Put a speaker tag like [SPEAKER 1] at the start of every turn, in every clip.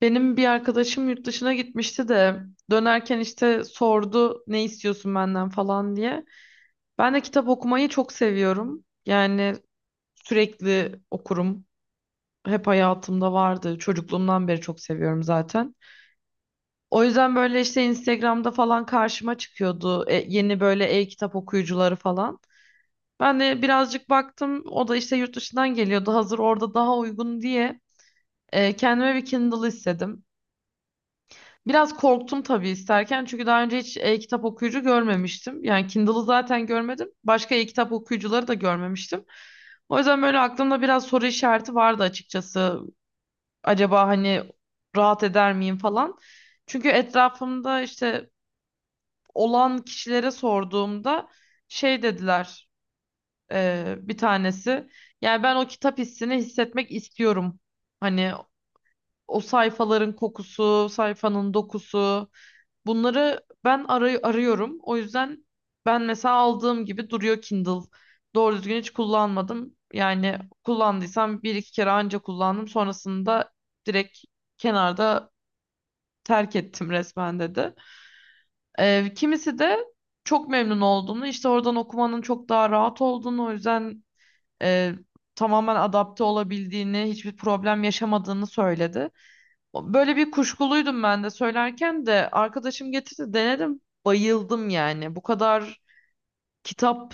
[SPEAKER 1] Benim bir arkadaşım yurt dışına gitmişti de dönerken işte sordu ne istiyorsun benden falan diye. Ben de kitap okumayı çok seviyorum. Yani sürekli okurum. Hep hayatımda vardı. Çocukluğumdan beri çok seviyorum zaten. O yüzden böyle işte Instagram'da falan karşıma çıkıyordu, yeni böyle e-kitap okuyucuları falan. Ben de birazcık baktım. O da işte yurt dışından geliyordu. Hazır orada daha uygun diye, kendime bir Kindle istedim. Biraz korktum tabii isterken çünkü daha önce hiç e-kitap okuyucu görmemiştim. Yani Kindle'ı zaten görmedim. Başka e-kitap okuyucuları da görmemiştim. O yüzden böyle aklımda biraz soru işareti vardı açıkçası. Acaba hani rahat eder miyim falan. Çünkü etrafımda işte olan kişilere sorduğumda şey dediler, bir tanesi. Yani ben o kitap hissini hissetmek istiyorum. Hani o sayfaların kokusu, sayfanın dokusu. Bunları ben arıyorum. O yüzden ben mesela aldığım gibi duruyor Kindle. Doğru düzgün hiç kullanmadım. Yani kullandıysam bir iki kere anca kullandım. Sonrasında direkt kenarda terk ettim resmen dedi. Kimisi de çok memnun olduğunu, işte oradan okumanın çok daha rahat olduğunu, o yüzden e, tamamen adapte olabildiğini, hiçbir problem yaşamadığını söyledi. Böyle bir kuşkuluydum ben de söylerken de arkadaşım getirdi denedim bayıldım yani. Bu kadar kitap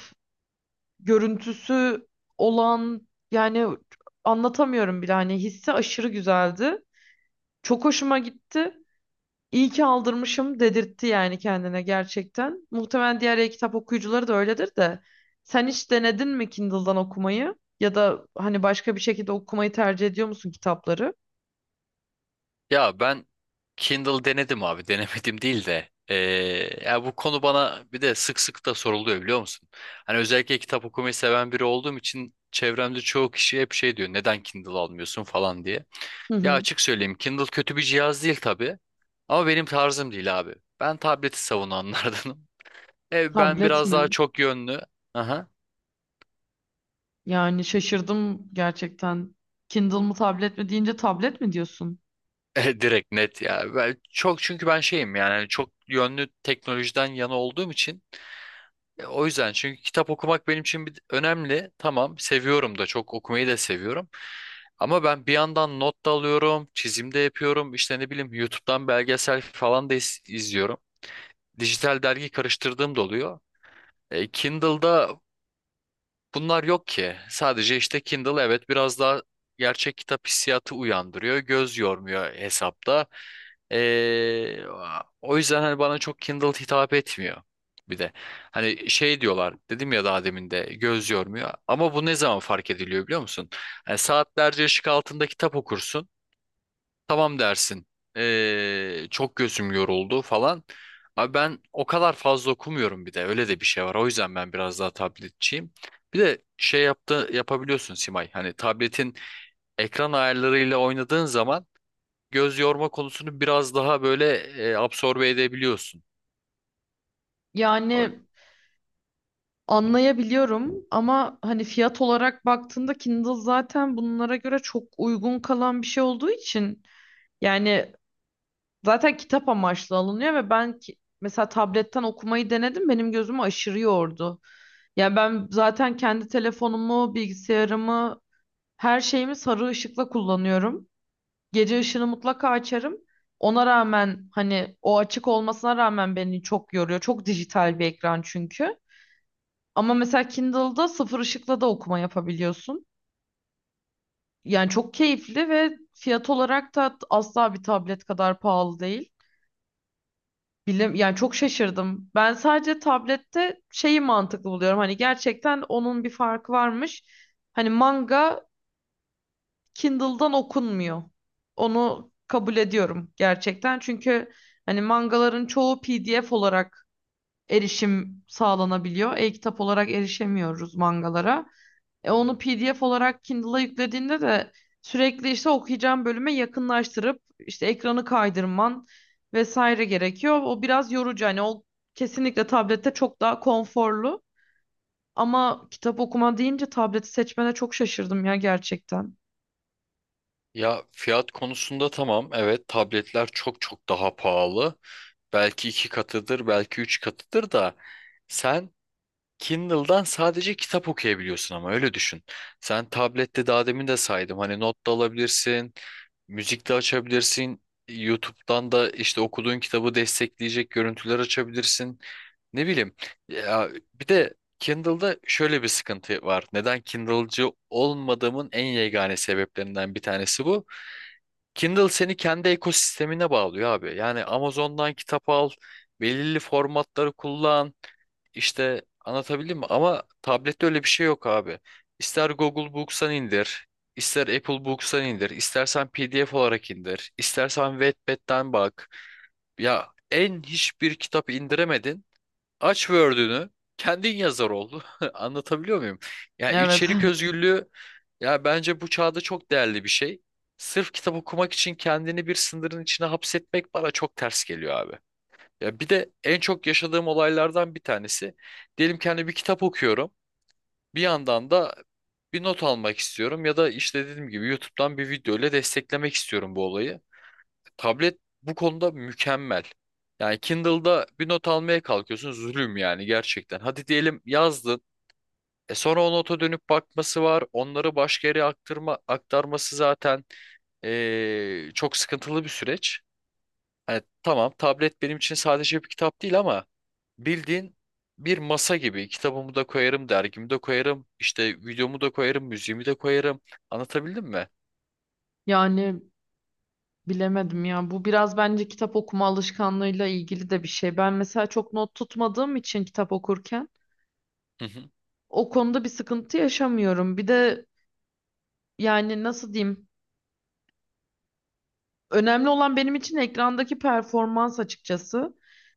[SPEAKER 1] görüntüsü olan yani anlatamıyorum bile hani hissi aşırı güzeldi. Çok hoşuma gitti. İyi ki aldırmışım dedirtti yani kendine gerçekten. Muhtemelen diğer e-kitap okuyucuları da öyledir de. Sen hiç denedin mi Kindle'dan okumayı? Ya da hani başka bir şekilde okumayı tercih ediyor musun kitapları?
[SPEAKER 2] Ya ben Kindle denedim abi. Denemedim değil de. Ya bu konu bana bir de sık sık da soruluyor, biliyor musun? Hani özellikle kitap okumayı seven biri olduğum için çevremde çoğu kişi hep şey diyor: neden Kindle almıyorsun falan diye.
[SPEAKER 1] Hı
[SPEAKER 2] Ya
[SPEAKER 1] hı.
[SPEAKER 2] açık söyleyeyim, Kindle kötü bir cihaz değil tabii. Ama benim tarzım değil abi. Ben tableti savunanlardanım. Ben
[SPEAKER 1] Tablet
[SPEAKER 2] biraz daha
[SPEAKER 1] mi?
[SPEAKER 2] çok yönlü. Aha.
[SPEAKER 1] Yani şaşırdım gerçekten. Kindle mı tablet mi deyince tablet mi diyorsun?
[SPEAKER 2] Direkt net ya. Ben çok, çünkü ben şeyim yani hani çok yönlü teknolojiden yana olduğum için o yüzden, çünkü kitap okumak benim için bir, önemli. Tamam, seviyorum da, çok okumayı da seviyorum. Ama ben bir yandan not da alıyorum, çizim de yapıyorum. İşte ne bileyim, YouTube'dan belgesel falan da izliyorum. Dijital dergi karıştırdığım da oluyor. Kindle'da bunlar yok ki. Sadece işte Kindle evet biraz daha gerçek kitap hissiyatı uyandırıyor. Göz yormuyor hesapta. Ee, O yüzden hani bana çok Kindle hitap etmiyor. Bir de hani şey diyorlar, dedim ya, daha demin de, göz yormuyor. Ama bu ne zaman fark ediliyor biliyor musun? Hani saatlerce ışık altında kitap okursun. Tamam dersin. Çok gözüm yoruldu falan. Abi ben o kadar fazla okumuyorum bir de. Öyle de bir şey var. O yüzden ben biraz daha tabletçiyim. Bir de şey yaptı yapabiliyorsun Simay. Hani tabletin ekran ayarlarıyla oynadığın zaman göz yorma konusunu biraz daha böyle absorbe edebiliyorsun. O-
[SPEAKER 1] Yani anlayabiliyorum ama hani fiyat olarak baktığında Kindle zaten bunlara göre çok uygun kalan bir şey olduğu için yani zaten kitap amaçlı alınıyor ve ben ki, mesela tabletten okumayı denedim benim gözümü aşırı yordu. Yani ben zaten kendi telefonumu, bilgisayarımı, her şeyimi sarı ışıkla kullanıyorum. Gece ışını mutlaka açarım. Ona rağmen hani o açık olmasına rağmen beni çok yoruyor. Çok dijital bir ekran çünkü. Ama mesela Kindle'da sıfır ışıkla da okuma yapabiliyorsun. Yani çok keyifli ve fiyat olarak da asla bir tablet kadar pahalı değil. Bilim, yani çok şaşırdım. Ben sadece tablette şeyi mantıklı buluyorum. Hani gerçekten onun bir farkı varmış. Hani manga Kindle'dan okunmuyor. Onu kabul ediyorum gerçekten. Çünkü hani mangaların çoğu PDF olarak erişim sağlanabiliyor. E-kitap olarak erişemiyoruz mangalara. E onu PDF olarak Kindle'a yüklediğinde de sürekli işte okuyacağım bölüme yakınlaştırıp işte ekranı kaydırman vesaire gerekiyor. O biraz yorucu. Hani o kesinlikle tablette çok daha konforlu. Ama kitap okuma deyince tableti seçmene çok şaşırdım ya gerçekten.
[SPEAKER 2] Ya fiyat konusunda tamam. Evet tabletler çok çok daha pahalı. Belki iki katıdır, belki üç katıdır da sen Kindle'dan sadece kitap okuyabiliyorsun, ama öyle düşün. Sen tablette, daha demin de saydım, hani not da alabilirsin, müzik de açabilirsin. YouTube'dan da işte okuduğun kitabı destekleyecek görüntüler açabilirsin. Ne bileyim. Ya bir de Kindle'da şöyle bir sıkıntı var. Neden Kindle'cı olmadığımın en yegane sebeplerinden bir tanesi bu. Kindle seni kendi ekosistemine bağlıyor abi. Yani Amazon'dan kitap al, belirli formatları kullan. İşte anlatabildim mi? Ama tablette öyle bir şey yok abi. İster Google Books'tan indir, ister Apple Books'tan indir, istersen PDF olarak indir, istersen Wattpad'den bak. Ya en hiçbir kitap indiremedin. Aç Word'ünü, kendin yazar oldu. Anlatabiliyor muyum? Yani
[SPEAKER 1] Evet.
[SPEAKER 2] içerik özgürlüğü ya, bence bu çağda çok değerli bir şey. Sırf kitap okumak için kendini bir sınırın içine hapsetmek bana çok ters geliyor abi. Ya bir de en çok yaşadığım olaylardan bir tanesi. Diyelim ki hani bir kitap okuyorum. Bir yandan da bir not almak istiyorum, ya da işte dediğim gibi YouTube'dan bir video ile desteklemek istiyorum bu olayı. Tablet bu konuda mükemmel. Yani Kindle'da bir not almaya kalkıyorsun, zulüm yani gerçekten. Hadi diyelim yazdın. E sonra o nota dönüp bakması var. Onları başka yere aktarma, zaten çok sıkıntılı bir süreç. Hani tamam, tablet benim için sadece bir kitap değil ama bildiğin bir masa gibi; kitabımı da koyarım, dergimi de koyarım, işte videomu da koyarım, müziğimi de koyarım. Anlatabildim mi?
[SPEAKER 1] Yani bilemedim ya. Bu biraz bence kitap okuma alışkanlığıyla ilgili de bir şey. Ben mesela çok not tutmadığım için kitap okurken
[SPEAKER 2] Hı hı.
[SPEAKER 1] o konuda bir sıkıntı yaşamıyorum. Bir de yani nasıl diyeyim? Önemli olan benim için ekrandaki performans açıkçası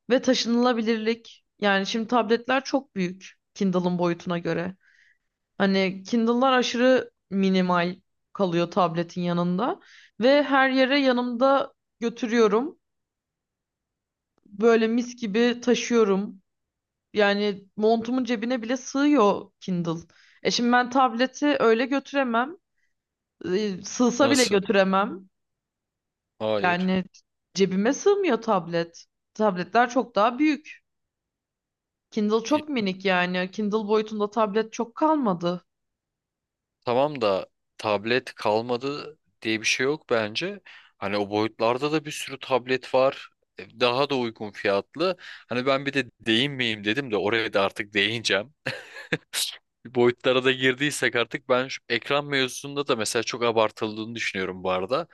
[SPEAKER 1] ve taşınılabilirlik. Yani şimdi tabletler çok büyük Kindle'ın boyutuna göre. Hani Kindle'lar aşırı minimal kalıyor tabletin yanında ve her yere yanımda götürüyorum. Böyle mis gibi taşıyorum. Yani montumun cebine bile sığıyor Kindle. E şimdi ben tableti öyle götüremem. E, sığsa bile
[SPEAKER 2] Nasıl?
[SPEAKER 1] götüremem.
[SPEAKER 2] Hayır.
[SPEAKER 1] Yani cebime sığmıyor tablet. Tabletler çok daha büyük. Kindle
[SPEAKER 2] E,
[SPEAKER 1] çok minik yani. Kindle boyutunda tablet çok kalmadı.
[SPEAKER 2] tamam da tablet kalmadı diye bir şey yok bence. Hani o boyutlarda da bir sürü tablet var. Daha da uygun fiyatlı. Hani ben bir de değinmeyeyim dedim de, oraya da artık değineceğim. Boyutlara da girdiysek artık, ben şu ekran mevzusunda da mesela çok abartıldığını düşünüyorum bu arada.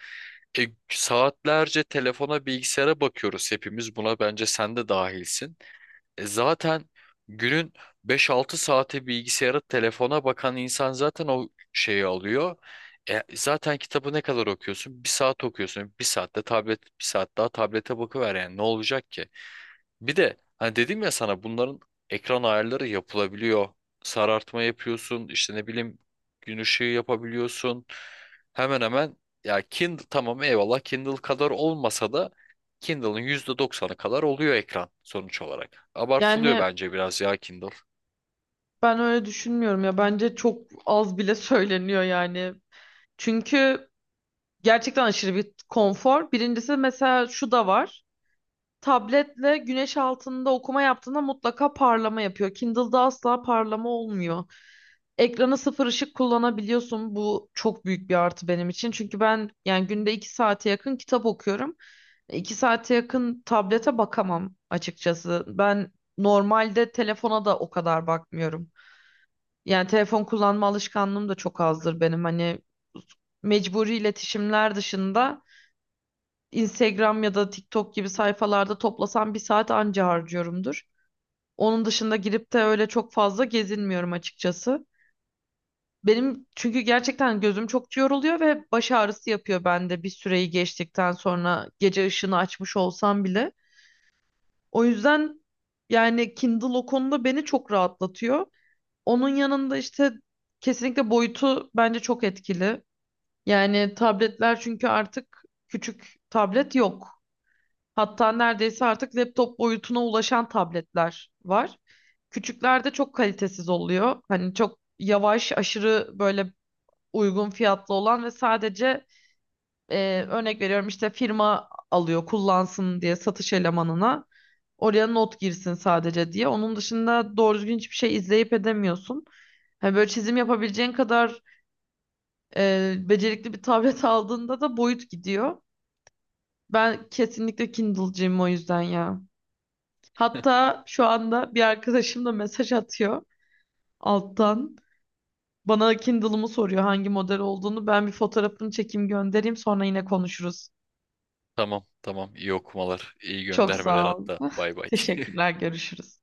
[SPEAKER 2] Saatlerce telefona, bilgisayara bakıyoruz hepimiz. Buna bence sen de dahilsin. Zaten günün 5-6 saati bilgisayara, telefona bakan insan zaten o şeyi alıyor. Zaten kitabı ne kadar okuyorsun? Bir saat okuyorsun. Bir saatte tablet, bir saat daha tablete bakıver yani. Ne olacak ki? Bir de hani dedim ya sana, bunların ekran ayarları yapılabiliyor. Sarartma yapıyorsun, işte ne bileyim, gün ışığı yapabiliyorsun. Hemen hemen, ya Kindle tamam, eyvallah, Kindle kadar olmasa da Kindle'ın %90'ı kadar oluyor ekran sonuç olarak. Abartılıyor
[SPEAKER 1] Yani
[SPEAKER 2] bence biraz ya Kindle.
[SPEAKER 1] ben öyle düşünmüyorum ya. Bence çok az bile söyleniyor yani. Çünkü gerçekten aşırı bir konfor. Birincisi mesela şu da var. Tabletle güneş altında okuma yaptığında mutlaka parlama yapıyor. Kindle'da asla parlama olmuyor. Ekrana sıfır ışık kullanabiliyorsun. Bu çok büyük bir artı benim için. Çünkü ben yani günde iki saate yakın kitap okuyorum. İki saate yakın tablete bakamam açıkçası. Ben normalde telefona da o kadar bakmıyorum. Yani telefon kullanma alışkanlığım da çok azdır benim. Hani mecburi iletişimler dışında Instagram ya da TikTok gibi sayfalarda toplasam bir saat anca harcıyorumdur. Onun dışında girip de öyle çok fazla gezinmiyorum açıkçası. Benim çünkü gerçekten gözüm çok yoruluyor ve baş ağrısı yapıyor bende bir süreyi geçtikten sonra gece ışını açmış olsam bile. O yüzden yani Kindle o konuda beni çok rahatlatıyor. Onun yanında işte kesinlikle boyutu bence çok etkili. Yani tabletler çünkü artık küçük tablet yok. Hatta neredeyse artık laptop boyutuna ulaşan tabletler var. Küçüklerde çok kalitesiz oluyor. Hani çok yavaş, aşırı böyle uygun fiyatlı olan ve sadece, örnek veriyorum işte firma alıyor kullansın diye satış elemanına. Oraya not girsin sadece diye. Onun dışında doğru düzgün hiçbir şey izleyip edemiyorsun. Hani böyle çizim yapabileceğin kadar, becerikli bir tablet aldığında da boyut gidiyor. Ben kesinlikle Kindle'cıyım o yüzden ya. Hatta şu anda bir arkadaşım da mesaj atıyor alttan. Bana Kindle'ımı soruyor hangi model olduğunu. Ben bir fotoğrafını çekeyim göndereyim sonra yine konuşuruz.
[SPEAKER 2] Tamam tamam, iyi okumalar, iyi
[SPEAKER 1] Çok
[SPEAKER 2] göndermeler
[SPEAKER 1] sağ ol.
[SPEAKER 2] hatta. Bay bay.
[SPEAKER 1] Teşekkürler, görüşürüz.